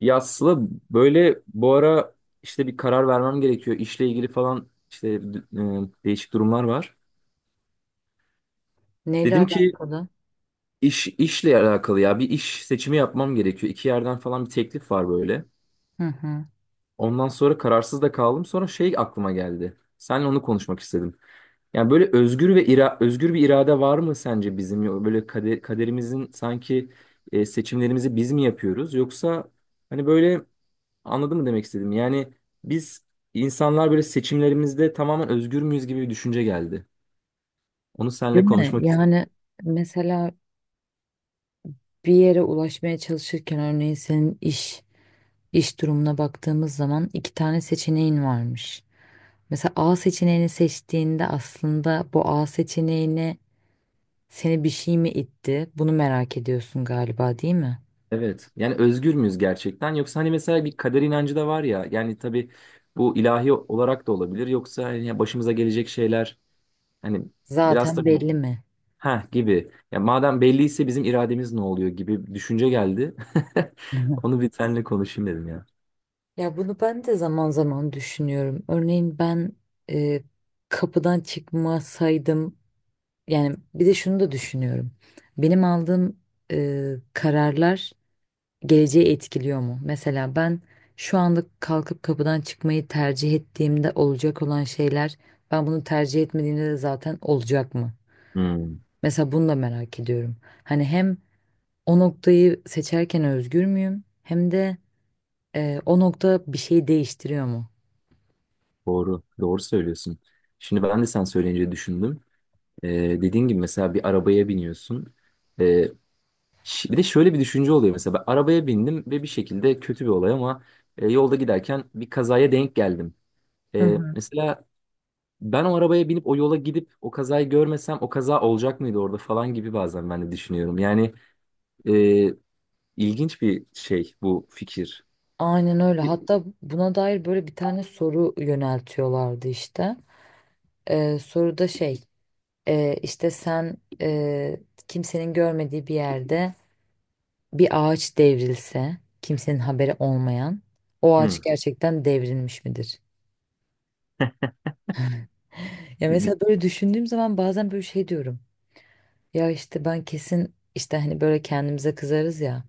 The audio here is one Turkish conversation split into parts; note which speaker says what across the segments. Speaker 1: Ya Sıla böyle bu ara işte bir karar vermem gerekiyor. İşle ilgili falan işte değişik durumlar var.
Speaker 2: Neyle
Speaker 1: Dedim ki
Speaker 2: alakalı?
Speaker 1: işle alakalı ya bir iş seçimi yapmam gerekiyor. İki yerden falan bir teklif var böyle.
Speaker 2: Hı hı.
Speaker 1: Ondan sonra kararsız da kaldım. Sonra şey aklıma geldi. Seninle onu konuşmak istedim. Yani böyle özgür bir irade var mı sence bizim? Böyle kaderimizin sanki, seçimlerimizi biz mi yapıyoruz? Yoksa hani böyle anladın mı demek istedim? Yani biz insanlar böyle seçimlerimizde tamamen özgür müyüz gibi bir düşünce geldi. Onu
Speaker 2: Değil
Speaker 1: seninle
Speaker 2: mi?
Speaker 1: konuşmak istedim.
Speaker 2: Yani mesela bir yere ulaşmaya çalışırken örneğin senin iş durumuna baktığımız zaman iki tane seçeneğin varmış. Mesela A seçeneğini seçtiğinde aslında bu A seçeneğine seni bir şey mi itti? Bunu merak ediyorsun galiba, değil mi?
Speaker 1: Evet. Yani özgür müyüz gerçekten? Yoksa hani mesela bir kader inancı da var ya. Yani tabii bu ilahi olarak da olabilir. Yoksa hani ya başımıza gelecek şeyler hani biraz da
Speaker 2: Zaten belli mi?
Speaker 1: ha gibi. Ya madem belliyse bizim irademiz ne oluyor gibi bir düşünce geldi.
Speaker 2: Hı hı.
Speaker 1: Onu bir seninle konuşayım dedim ya.
Speaker 2: Ya bunu ben de zaman zaman düşünüyorum. Örneğin ben e, kapıdan çıkmasaydım. Yani bir de şunu da düşünüyorum. Benim aldığım kararlar geleceği etkiliyor mu? Mesela ben şu anda kalkıp kapıdan çıkmayı tercih ettiğimde olacak olan şeyler ben bunu tercih etmediğimde de zaten olacak mı?
Speaker 1: Hmm,
Speaker 2: Mesela bunu da merak ediyorum. Hani hem o noktayı seçerken özgür müyüm? Hem de o nokta bir şeyi değiştiriyor mu?
Speaker 1: doğru. Doğru söylüyorsun. Şimdi ben de sen söyleyince düşündüm. Ee, dediğin gibi mesela bir arabaya biniyorsun. Ee, bir de şöyle bir düşünce oluyor mesela ben arabaya bindim ve bir şekilde kötü bir olay ama, yolda giderken bir kazaya denk geldim.
Speaker 2: Hı
Speaker 1: Ee,
Speaker 2: hı.
Speaker 1: mesela ben o arabaya binip o yola gidip o kazayı görmesem o kaza olacak mıydı orada falan gibi bazen ben de düşünüyorum. Yani e, ilginç bir şey bu fikir.
Speaker 2: Aynen öyle.
Speaker 1: Hı.
Speaker 2: Hatta buna dair böyle bir tane soru yöneltiyorlardı işte. Soruda şey işte sen e, kimsenin görmediği bir yerde bir ağaç devrilse kimsenin haberi olmayan o ağaç gerçekten devrilmiş midir? Ya
Speaker 1: Hı.
Speaker 2: mesela böyle düşündüğüm zaman bazen böyle şey diyorum. Ya işte ben kesin işte hani böyle kendimize kızarız ya.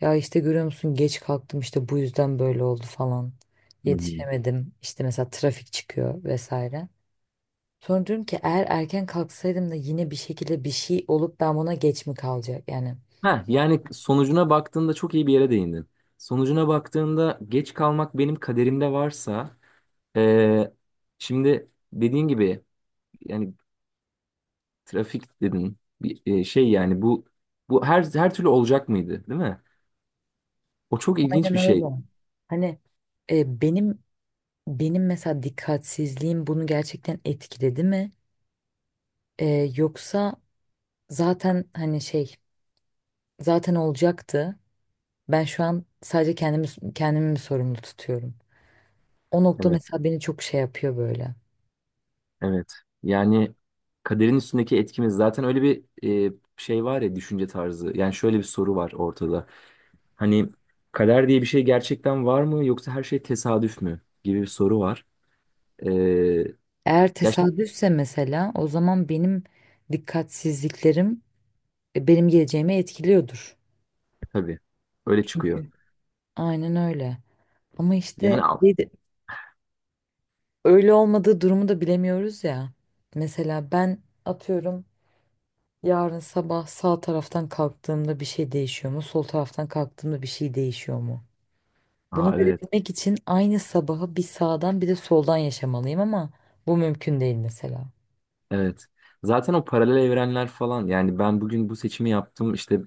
Speaker 2: Ya işte görüyor musun geç kalktım işte bu yüzden böyle oldu falan.
Speaker 1: Hı.
Speaker 2: Yetişemedim işte mesela trafik çıkıyor vesaire. Sonra diyorum ki eğer erken kalksaydım da yine bir şekilde bir şey olup ben buna geç mi kalacak yani.
Speaker 1: Ha, yani sonucuna baktığında çok iyi bir yere değindin. Sonucuna baktığında geç kalmak benim kaderimde varsa, Ee, şimdi dediğin gibi yani trafik dedin bir, şey yani bu her türlü olacak mıydı, değil mi? O çok ilginç
Speaker 2: Aynen
Speaker 1: bir şey.
Speaker 2: öyle. Hani e, benim benim mesela dikkatsizliğim bunu gerçekten etkiledi mi? E, yoksa zaten hani şey zaten olacaktı. Ben şu an sadece kendimi mi sorumlu tutuyorum? O nokta
Speaker 1: Evet,
Speaker 2: mesela beni çok şey yapıyor böyle.
Speaker 1: evet. Yani kaderin üstündeki etkimiz zaten öyle bir, şey var ya düşünce tarzı. Yani şöyle bir soru var ortada. Hani kader diye bir şey gerçekten var mı, yoksa her şey tesadüf mü gibi bir soru var. Ee,
Speaker 2: Eğer
Speaker 1: ya şimdi
Speaker 2: tesadüfse mesela o zaman benim dikkatsizliklerim benim geleceğimi etkiliyordur.
Speaker 1: tabii öyle çıkıyor.
Speaker 2: Çünkü. Aynen öyle. Ama işte
Speaker 1: Yani al.
Speaker 2: öyle olmadığı durumu da bilemiyoruz ya. Mesela ben atıyorum yarın sabah sağ taraftan kalktığımda bir şey değişiyor mu? Sol taraftan kalktığımda bir şey değişiyor mu? Bunu
Speaker 1: Aa, evet.
Speaker 2: görebilmek için aynı sabahı bir sağdan bir de soldan yaşamalıyım ama bu mümkün değil mesela.
Speaker 1: Evet. Zaten o paralel evrenler falan yani ben bugün bu seçimi yaptım işte,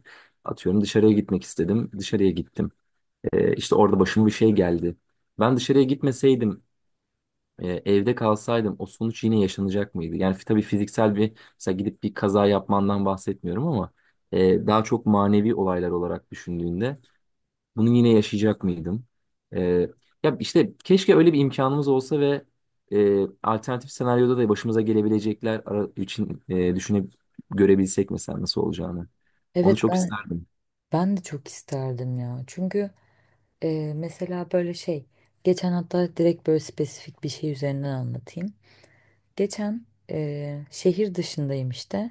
Speaker 1: atıyorum dışarıya gitmek istedim, dışarıya gittim. İşte orada başıma bir şey geldi. Ben dışarıya gitmeseydim, evde kalsaydım o sonuç yine yaşanacak mıydı? Yani tabii fiziksel bir mesela gidip bir kaza yapmandan bahsetmiyorum ama, daha çok manevi olaylar olarak düşündüğünde bunu yine yaşayacak mıydım? Ee, ya işte keşke öyle bir imkanımız olsa ve, alternatif senaryoda da başımıza gelebilecekler için, düşünüp görebilsek mesela nasıl olacağını. Onu
Speaker 2: Evet
Speaker 1: çok
Speaker 2: ben
Speaker 1: isterdim.
Speaker 2: ben de çok isterdim ya. Çünkü mesela böyle şey geçen hatta direkt böyle spesifik bir şey üzerinden anlatayım. Geçen şehir dışındayım işte.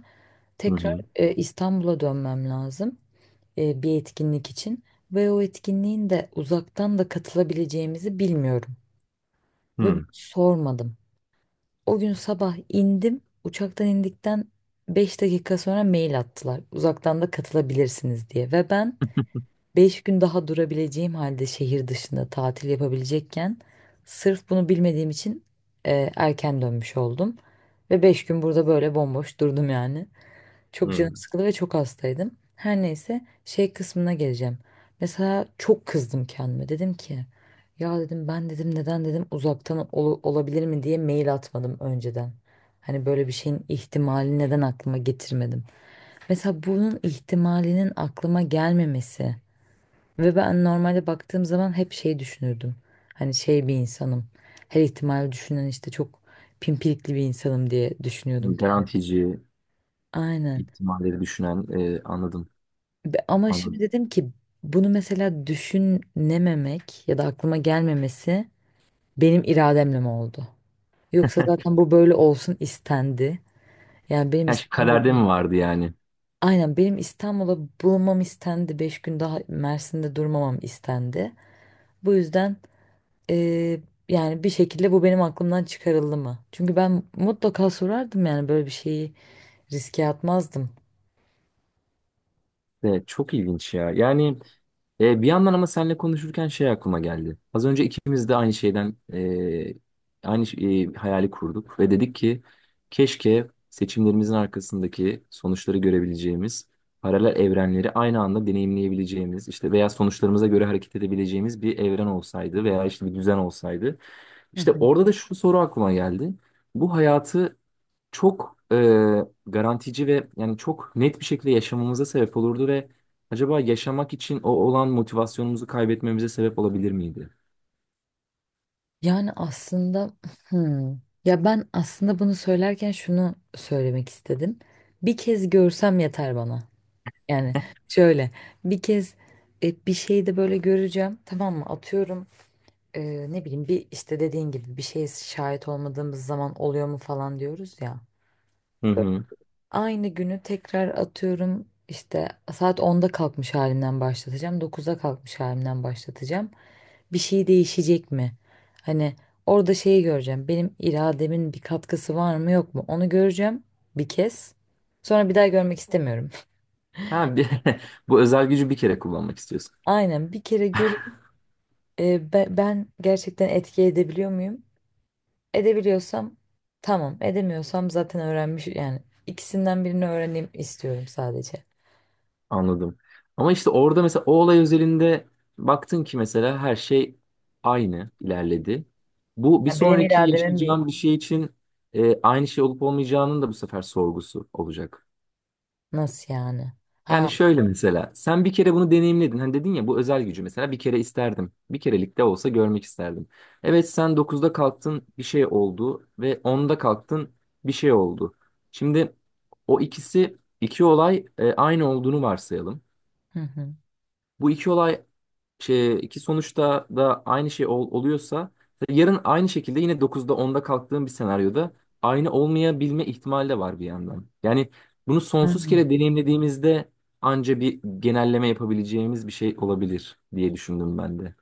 Speaker 1: Hı
Speaker 2: Tekrar
Speaker 1: hı.
Speaker 2: İstanbul'a dönmem lazım bir etkinlik için. Ve o etkinliğin de uzaktan da katılabileceğimizi bilmiyorum. Ve bunu
Speaker 1: Hı
Speaker 2: sormadım. O gün sabah indim. Uçaktan indikten 5 dakika sonra mail attılar. Uzaktan da katılabilirsiniz diye. Ve ben Beş gün daha durabileceğim halde şehir dışında tatil yapabilecekken sırf bunu bilmediğim için erken dönmüş oldum. Ve 5 gün burada böyle bomboş durdum yani. Çok canım
Speaker 1: hı.
Speaker 2: sıkıldı ve çok hastaydım. Her neyse şey kısmına geleceğim. Mesela çok kızdım kendime. Dedim ki ya dedim ben dedim neden dedim uzaktan olabilir mi diye mail atmadım önceden. Hani böyle bir şeyin ihtimali neden aklıma getirmedim. Mesela bunun ihtimalinin aklıma gelmemesi. Ve ben normalde baktığım zaman hep şey düşünürdüm. Hani şey bir insanım. Her ihtimali düşünen işte çok pimpirikli bir insanım diye düşünüyordum kendim.
Speaker 1: Garantici,
Speaker 2: Aynen.
Speaker 1: ihtimalleri düşünen, anladım.
Speaker 2: Ama şimdi
Speaker 1: Anladım.
Speaker 2: dedim ki bunu mesela düşünememek ya da aklıma gelmemesi benim irademle mi oldu? Yoksa zaten bu böyle olsun istendi. Yani benim
Speaker 1: Yani şey, kaderde
Speaker 2: İstanbul'da
Speaker 1: mi vardı yani?
Speaker 2: Aynen benim İstanbul'a bulunmam istendi. 5 gün daha Mersin'de durmamam istendi. Bu yüzden Ee, yani bir şekilde bu benim aklımdan çıkarıldı mı? Çünkü ben mutlaka sorardım yani böyle bir şeyi riske atmazdım.
Speaker 1: Evet, çok ilginç ya. Yani bir yandan ama seninle konuşurken şey aklıma geldi. Az önce ikimiz de aynı şeyden, aynı hayali kurduk ve dedik ki keşke seçimlerimizin arkasındaki sonuçları görebileceğimiz, paralel evrenleri aynı anda deneyimleyebileceğimiz, işte veya sonuçlarımıza göre hareket edebileceğimiz bir evren olsaydı veya işte bir düzen olsaydı.
Speaker 2: Hı
Speaker 1: İşte
Speaker 2: hı.
Speaker 1: orada da şu soru aklıma geldi. Bu hayatı çok, garantici ve yani çok net bir şekilde yaşamamıza sebep olurdu ve acaba yaşamak için o olan motivasyonumuzu kaybetmemize sebep olabilir miydi?
Speaker 2: Yani aslında hmm, ya ben aslında bunu söylerken şunu söylemek istedim. Bir kez görsem yeter bana. Yani şöyle bir kez bir şeyi de böyle göreceğim, tamam mı? Atıyorum ne bileyim bir işte dediğin gibi bir şeye şahit olmadığımız zaman oluyor mu falan diyoruz ya.
Speaker 1: Hı hı.
Speaker 2: Aynı günü tekrar atıyorum işte saat 10'da kalkmış halimden başlatacağım. 9'da kalkmış halimden başlatacağım. Bir şey değişecek mi? Hani orada şeyi göreceğim. Benim irademin bir katkısı var mı yok mu? Onu göreceğim bir kez. Sonra bir daha görmek istemiyorum.
Speaker 1: Ha, bu özel gücü bir kere kullanmak istiyorsun.
Speaker 2: Aynen bir kere görüp ben gerçekten etki edebiliyor muyum? Edebiliyorsam tamam. Edemiyorsam zaten öğrenmiş, yani ikisinden birini öğreneyim istiyorum sadece.
Speaker 1: Anladım. Ama işte orada mesela o olay özelinde baktın ki mesela her şey aynı ilerledi. Bu bir
Speaker 2: Yani benim
Speaker 1: sonraki
Speaker 2: irademin bir.
Speaker 1: yaşayacağım bir şey için, aynı şey olup olmayacağının da bu sefer sorgusu olacak.
Speaker 2: Nasıl yani?
Speaker 1: Yani
Speaker 2: Ha.
Speaker 1: şöyle mesela sen bir kere bunu deneyimledin. Hani dedin ya bu özel gücü mesela bir kere isterdim. Bir kerelik de olsa görmek isterdim. Evet, sen dokuzda kalktın bir şey oldu ve onda kalktın bir şey oldu. Şimdi o ikisi iki olay, aynı olduğunu varsayalım.
Speaker 2: Hı hı.
Speaker 1: Bu iki olay şey, iki sonuçta da aynı şey oluyorsa yarın aynı şekilde yine dokuzda onda kalktığım bir senaryoda aynı olmayabilme ihtimali de var bir yandan. Yani bunu
Speaker 2: Hı
Speaker 1: sonsuz
Speaker 2: hı.
Speaker 1: kere deneyimlediğimizde anca bir genelleme yapabileceğimiz bir şey olabilir diye düşündüm ben de.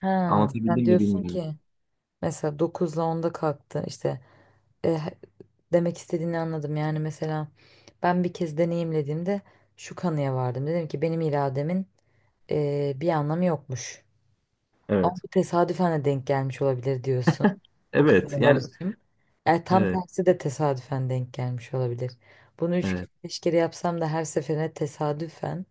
Speaker 2: Ha, sen
Speaker 1: Anlatabildim mi
Speaker 2: diyorsun
Speaker 1: bilmiyorum.
Speaker 2: ki mesela 9'la 10'da kalktı işte. E, he- demek istediğini anladım, yani mesela ben bir kez deneyimlediğimde şu kanıya vardım, dedim ki benim irademin bir anlamı yokmuş ama
Speaker 1: Evet.
Speaker 2: bu tesadüfen de denk gelmiş olabilir diyorsun. Bu
Speaker 1: Evet.
Speaker 2: kanıya
Speaker 1: Yani
Speaker 2: varışım tam
Speaker 1: evet.
Speaker 2: tersi de tesadüfen denk gelmiş olabilir. Bunu 3 kere
Speaker 1: Evet.
Speaker 2: 5 kere yapsam da her seferine tesadüfen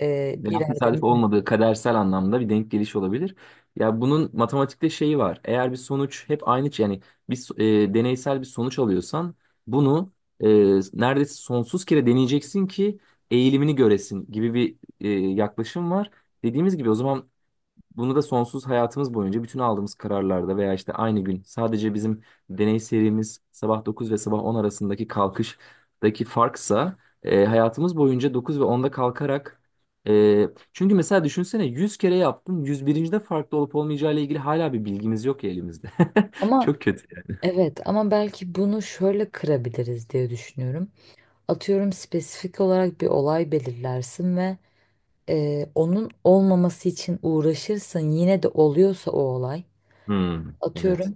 Speaker 1: Veya tesadüf
Speaker 2: irademin
Speaker 1: olmadığı, kadersel anlamda bir denk geliş olabilir. Ya bunun matematikte şeyi var. Eğer bir sonuç hep aynı, yani bir deneysel bir sonuç alıyorsan bunu e, neredeyse sonsuz kere deneyeceksin ki eğilimini göresin gibi bir, yaklaşım var. Dediğimiz gibi o zaman bunu da sonsuz hayatımız boyunca bütün aldığımız kararlarda veya işte aynı gün sadece bizim deney serimiz sabah 9 ve sabah 10 arasındaki kalkıştaki farksa, hayatımız boyunca 9 ve 10'da kalkarak, e, çünkü mesela düşünsene 100 kere yaptın 101. de farklı olup olmayacağı ile ilgili hala bir bilgimiz yok ya elimizde.
Speaker 2: ama.
Speaker 1: Çok kötü yani.
Speaker 2: Evet ama belki bunu şöyle kırabiliriz diye düşünüyorum. Atıyorum spesifik olarak bir olay belirlersin ve onun olmaması için uğraşırsın. Yine de oluyorsa o olay.
Speaker 1: Hmm, evet.
Speaker 2: Atıyorum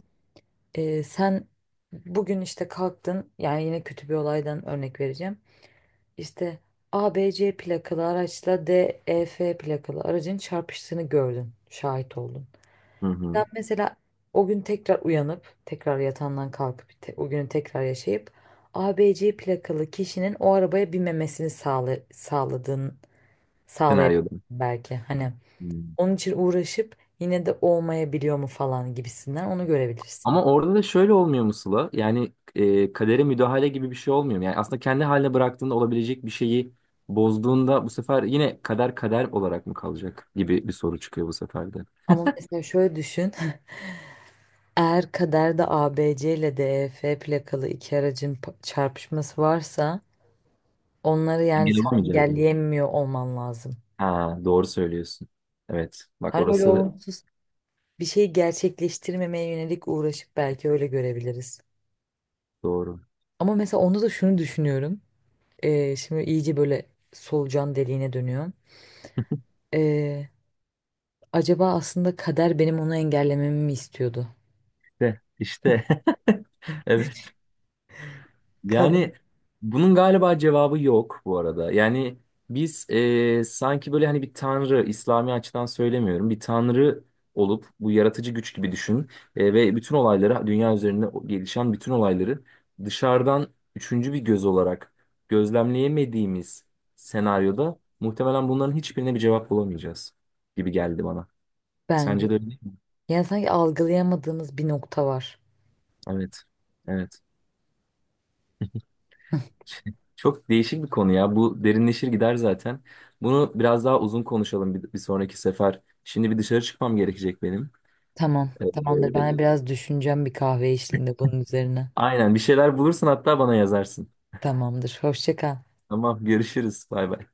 Speaker 2: sen bugün işte kalktın, yani yine kötü bir olaydan örnek vereceğim. İşte ABC plakalı araçla DEF plakalı aracın çarpıştığını gördün, şahit oldun.
Speaker 1: Hı hı.
Speaker 2: Ben mesela o gün tekrar uyanıp tekrar yatağından kalkıp o günü tekrar yaşayıp ABC plakalı kişinin o arabaya binmemesini sağlayabilirsin
Speaker 1: Senaryoda.
Speaker 2: belki. Hani
Speaker 1: Hmm.
Speaker 2: onun için uğraşıp yine de olmayabiliyor mu falan gibisinden onu görebilirsin.
Speaker 1: Ama orada da şöyle olmuyor mu Sıla? Yani, kadere müdahale gibi bir şey olmuyor mu? Yani aslında kendi haline bıraktığında olabilecek bir şeyi bozduğunda bu sefer yine kader kader olarak mı kalacak gibi bir soru çıkıyor bu sefer de.
Speaker 2: Ama mesela şöyle düşün. Eğer kaderde ABC ile DEF plakalı iki aracın çarpışması varsa onları, yani
Speaker 1: Engel
Speaker 2: sen
Speaker 1: olamayacağız mı?
Speaker 2: engelleyemiyor olman lazım.
Speaker 1: Ha, doğru söylüyorsun. Evet. Bak
Speaker 2: Hani öyle
Speaker 1: orası
Speaker 2: olumsuz bir şeyi gerçekleştirmemeye yönelik uğraşıp belki öyle görebiliriz.
Speaker 1: doğru.
Speaker 2: Ama mesela onda da şunu düşünüyorum. Şimdi iyice böyle solucan deliğine dönüyorum. Ee, acaba aslında kader benim onu engellememi mi istiyordu?
Speaker 1: İşte, işte. Evet. Yani
Speaker 2: Kader.
Speaker 1: bunun galiba cevabı yok bu arada. Yani biz, sanki böyle hani bir tanrı, İslami açıdan söylemiyorum, bir tanrı olup bu yaratıcı güç gibi düşün, ve bütün olayları, dünya üzerinde gelişen bütün olayları dışarıdan üçüncü bir göz olarak gözlemleyemediğimiz senaryoda muhtemelen bunların hiçbirine bir cevap bulamayacağız gibi geldi bana.
Speaker 2: Bence.
Speaker 1: Sence de öyle değil mi?
Speaker 2: Yani sanki algılayamadığımız bir nokta var.
Speaker 1: Evet. Evet. Çok değişik bir konu ya. Bu derinleşir gider zaten. Bunu biraz daha uzun konuşalım bir sonraki sefer. Şimdi bir dışarı çıkmam gerekecek benim.
Speaker 2: Tamam,
Speaker 1: Ee,
Speaker 2: tamamdır. Ben biraz düşüneceğim bir kahve eşliğinde bunun üzerine.
Speaker 1: aynen bir şeyler bulursun, hatta bana yazarsın.
Speaker 2: Tamamdır. Hoşça kal.
Speaker 1: Tamam, görüşürüz. Bay bay.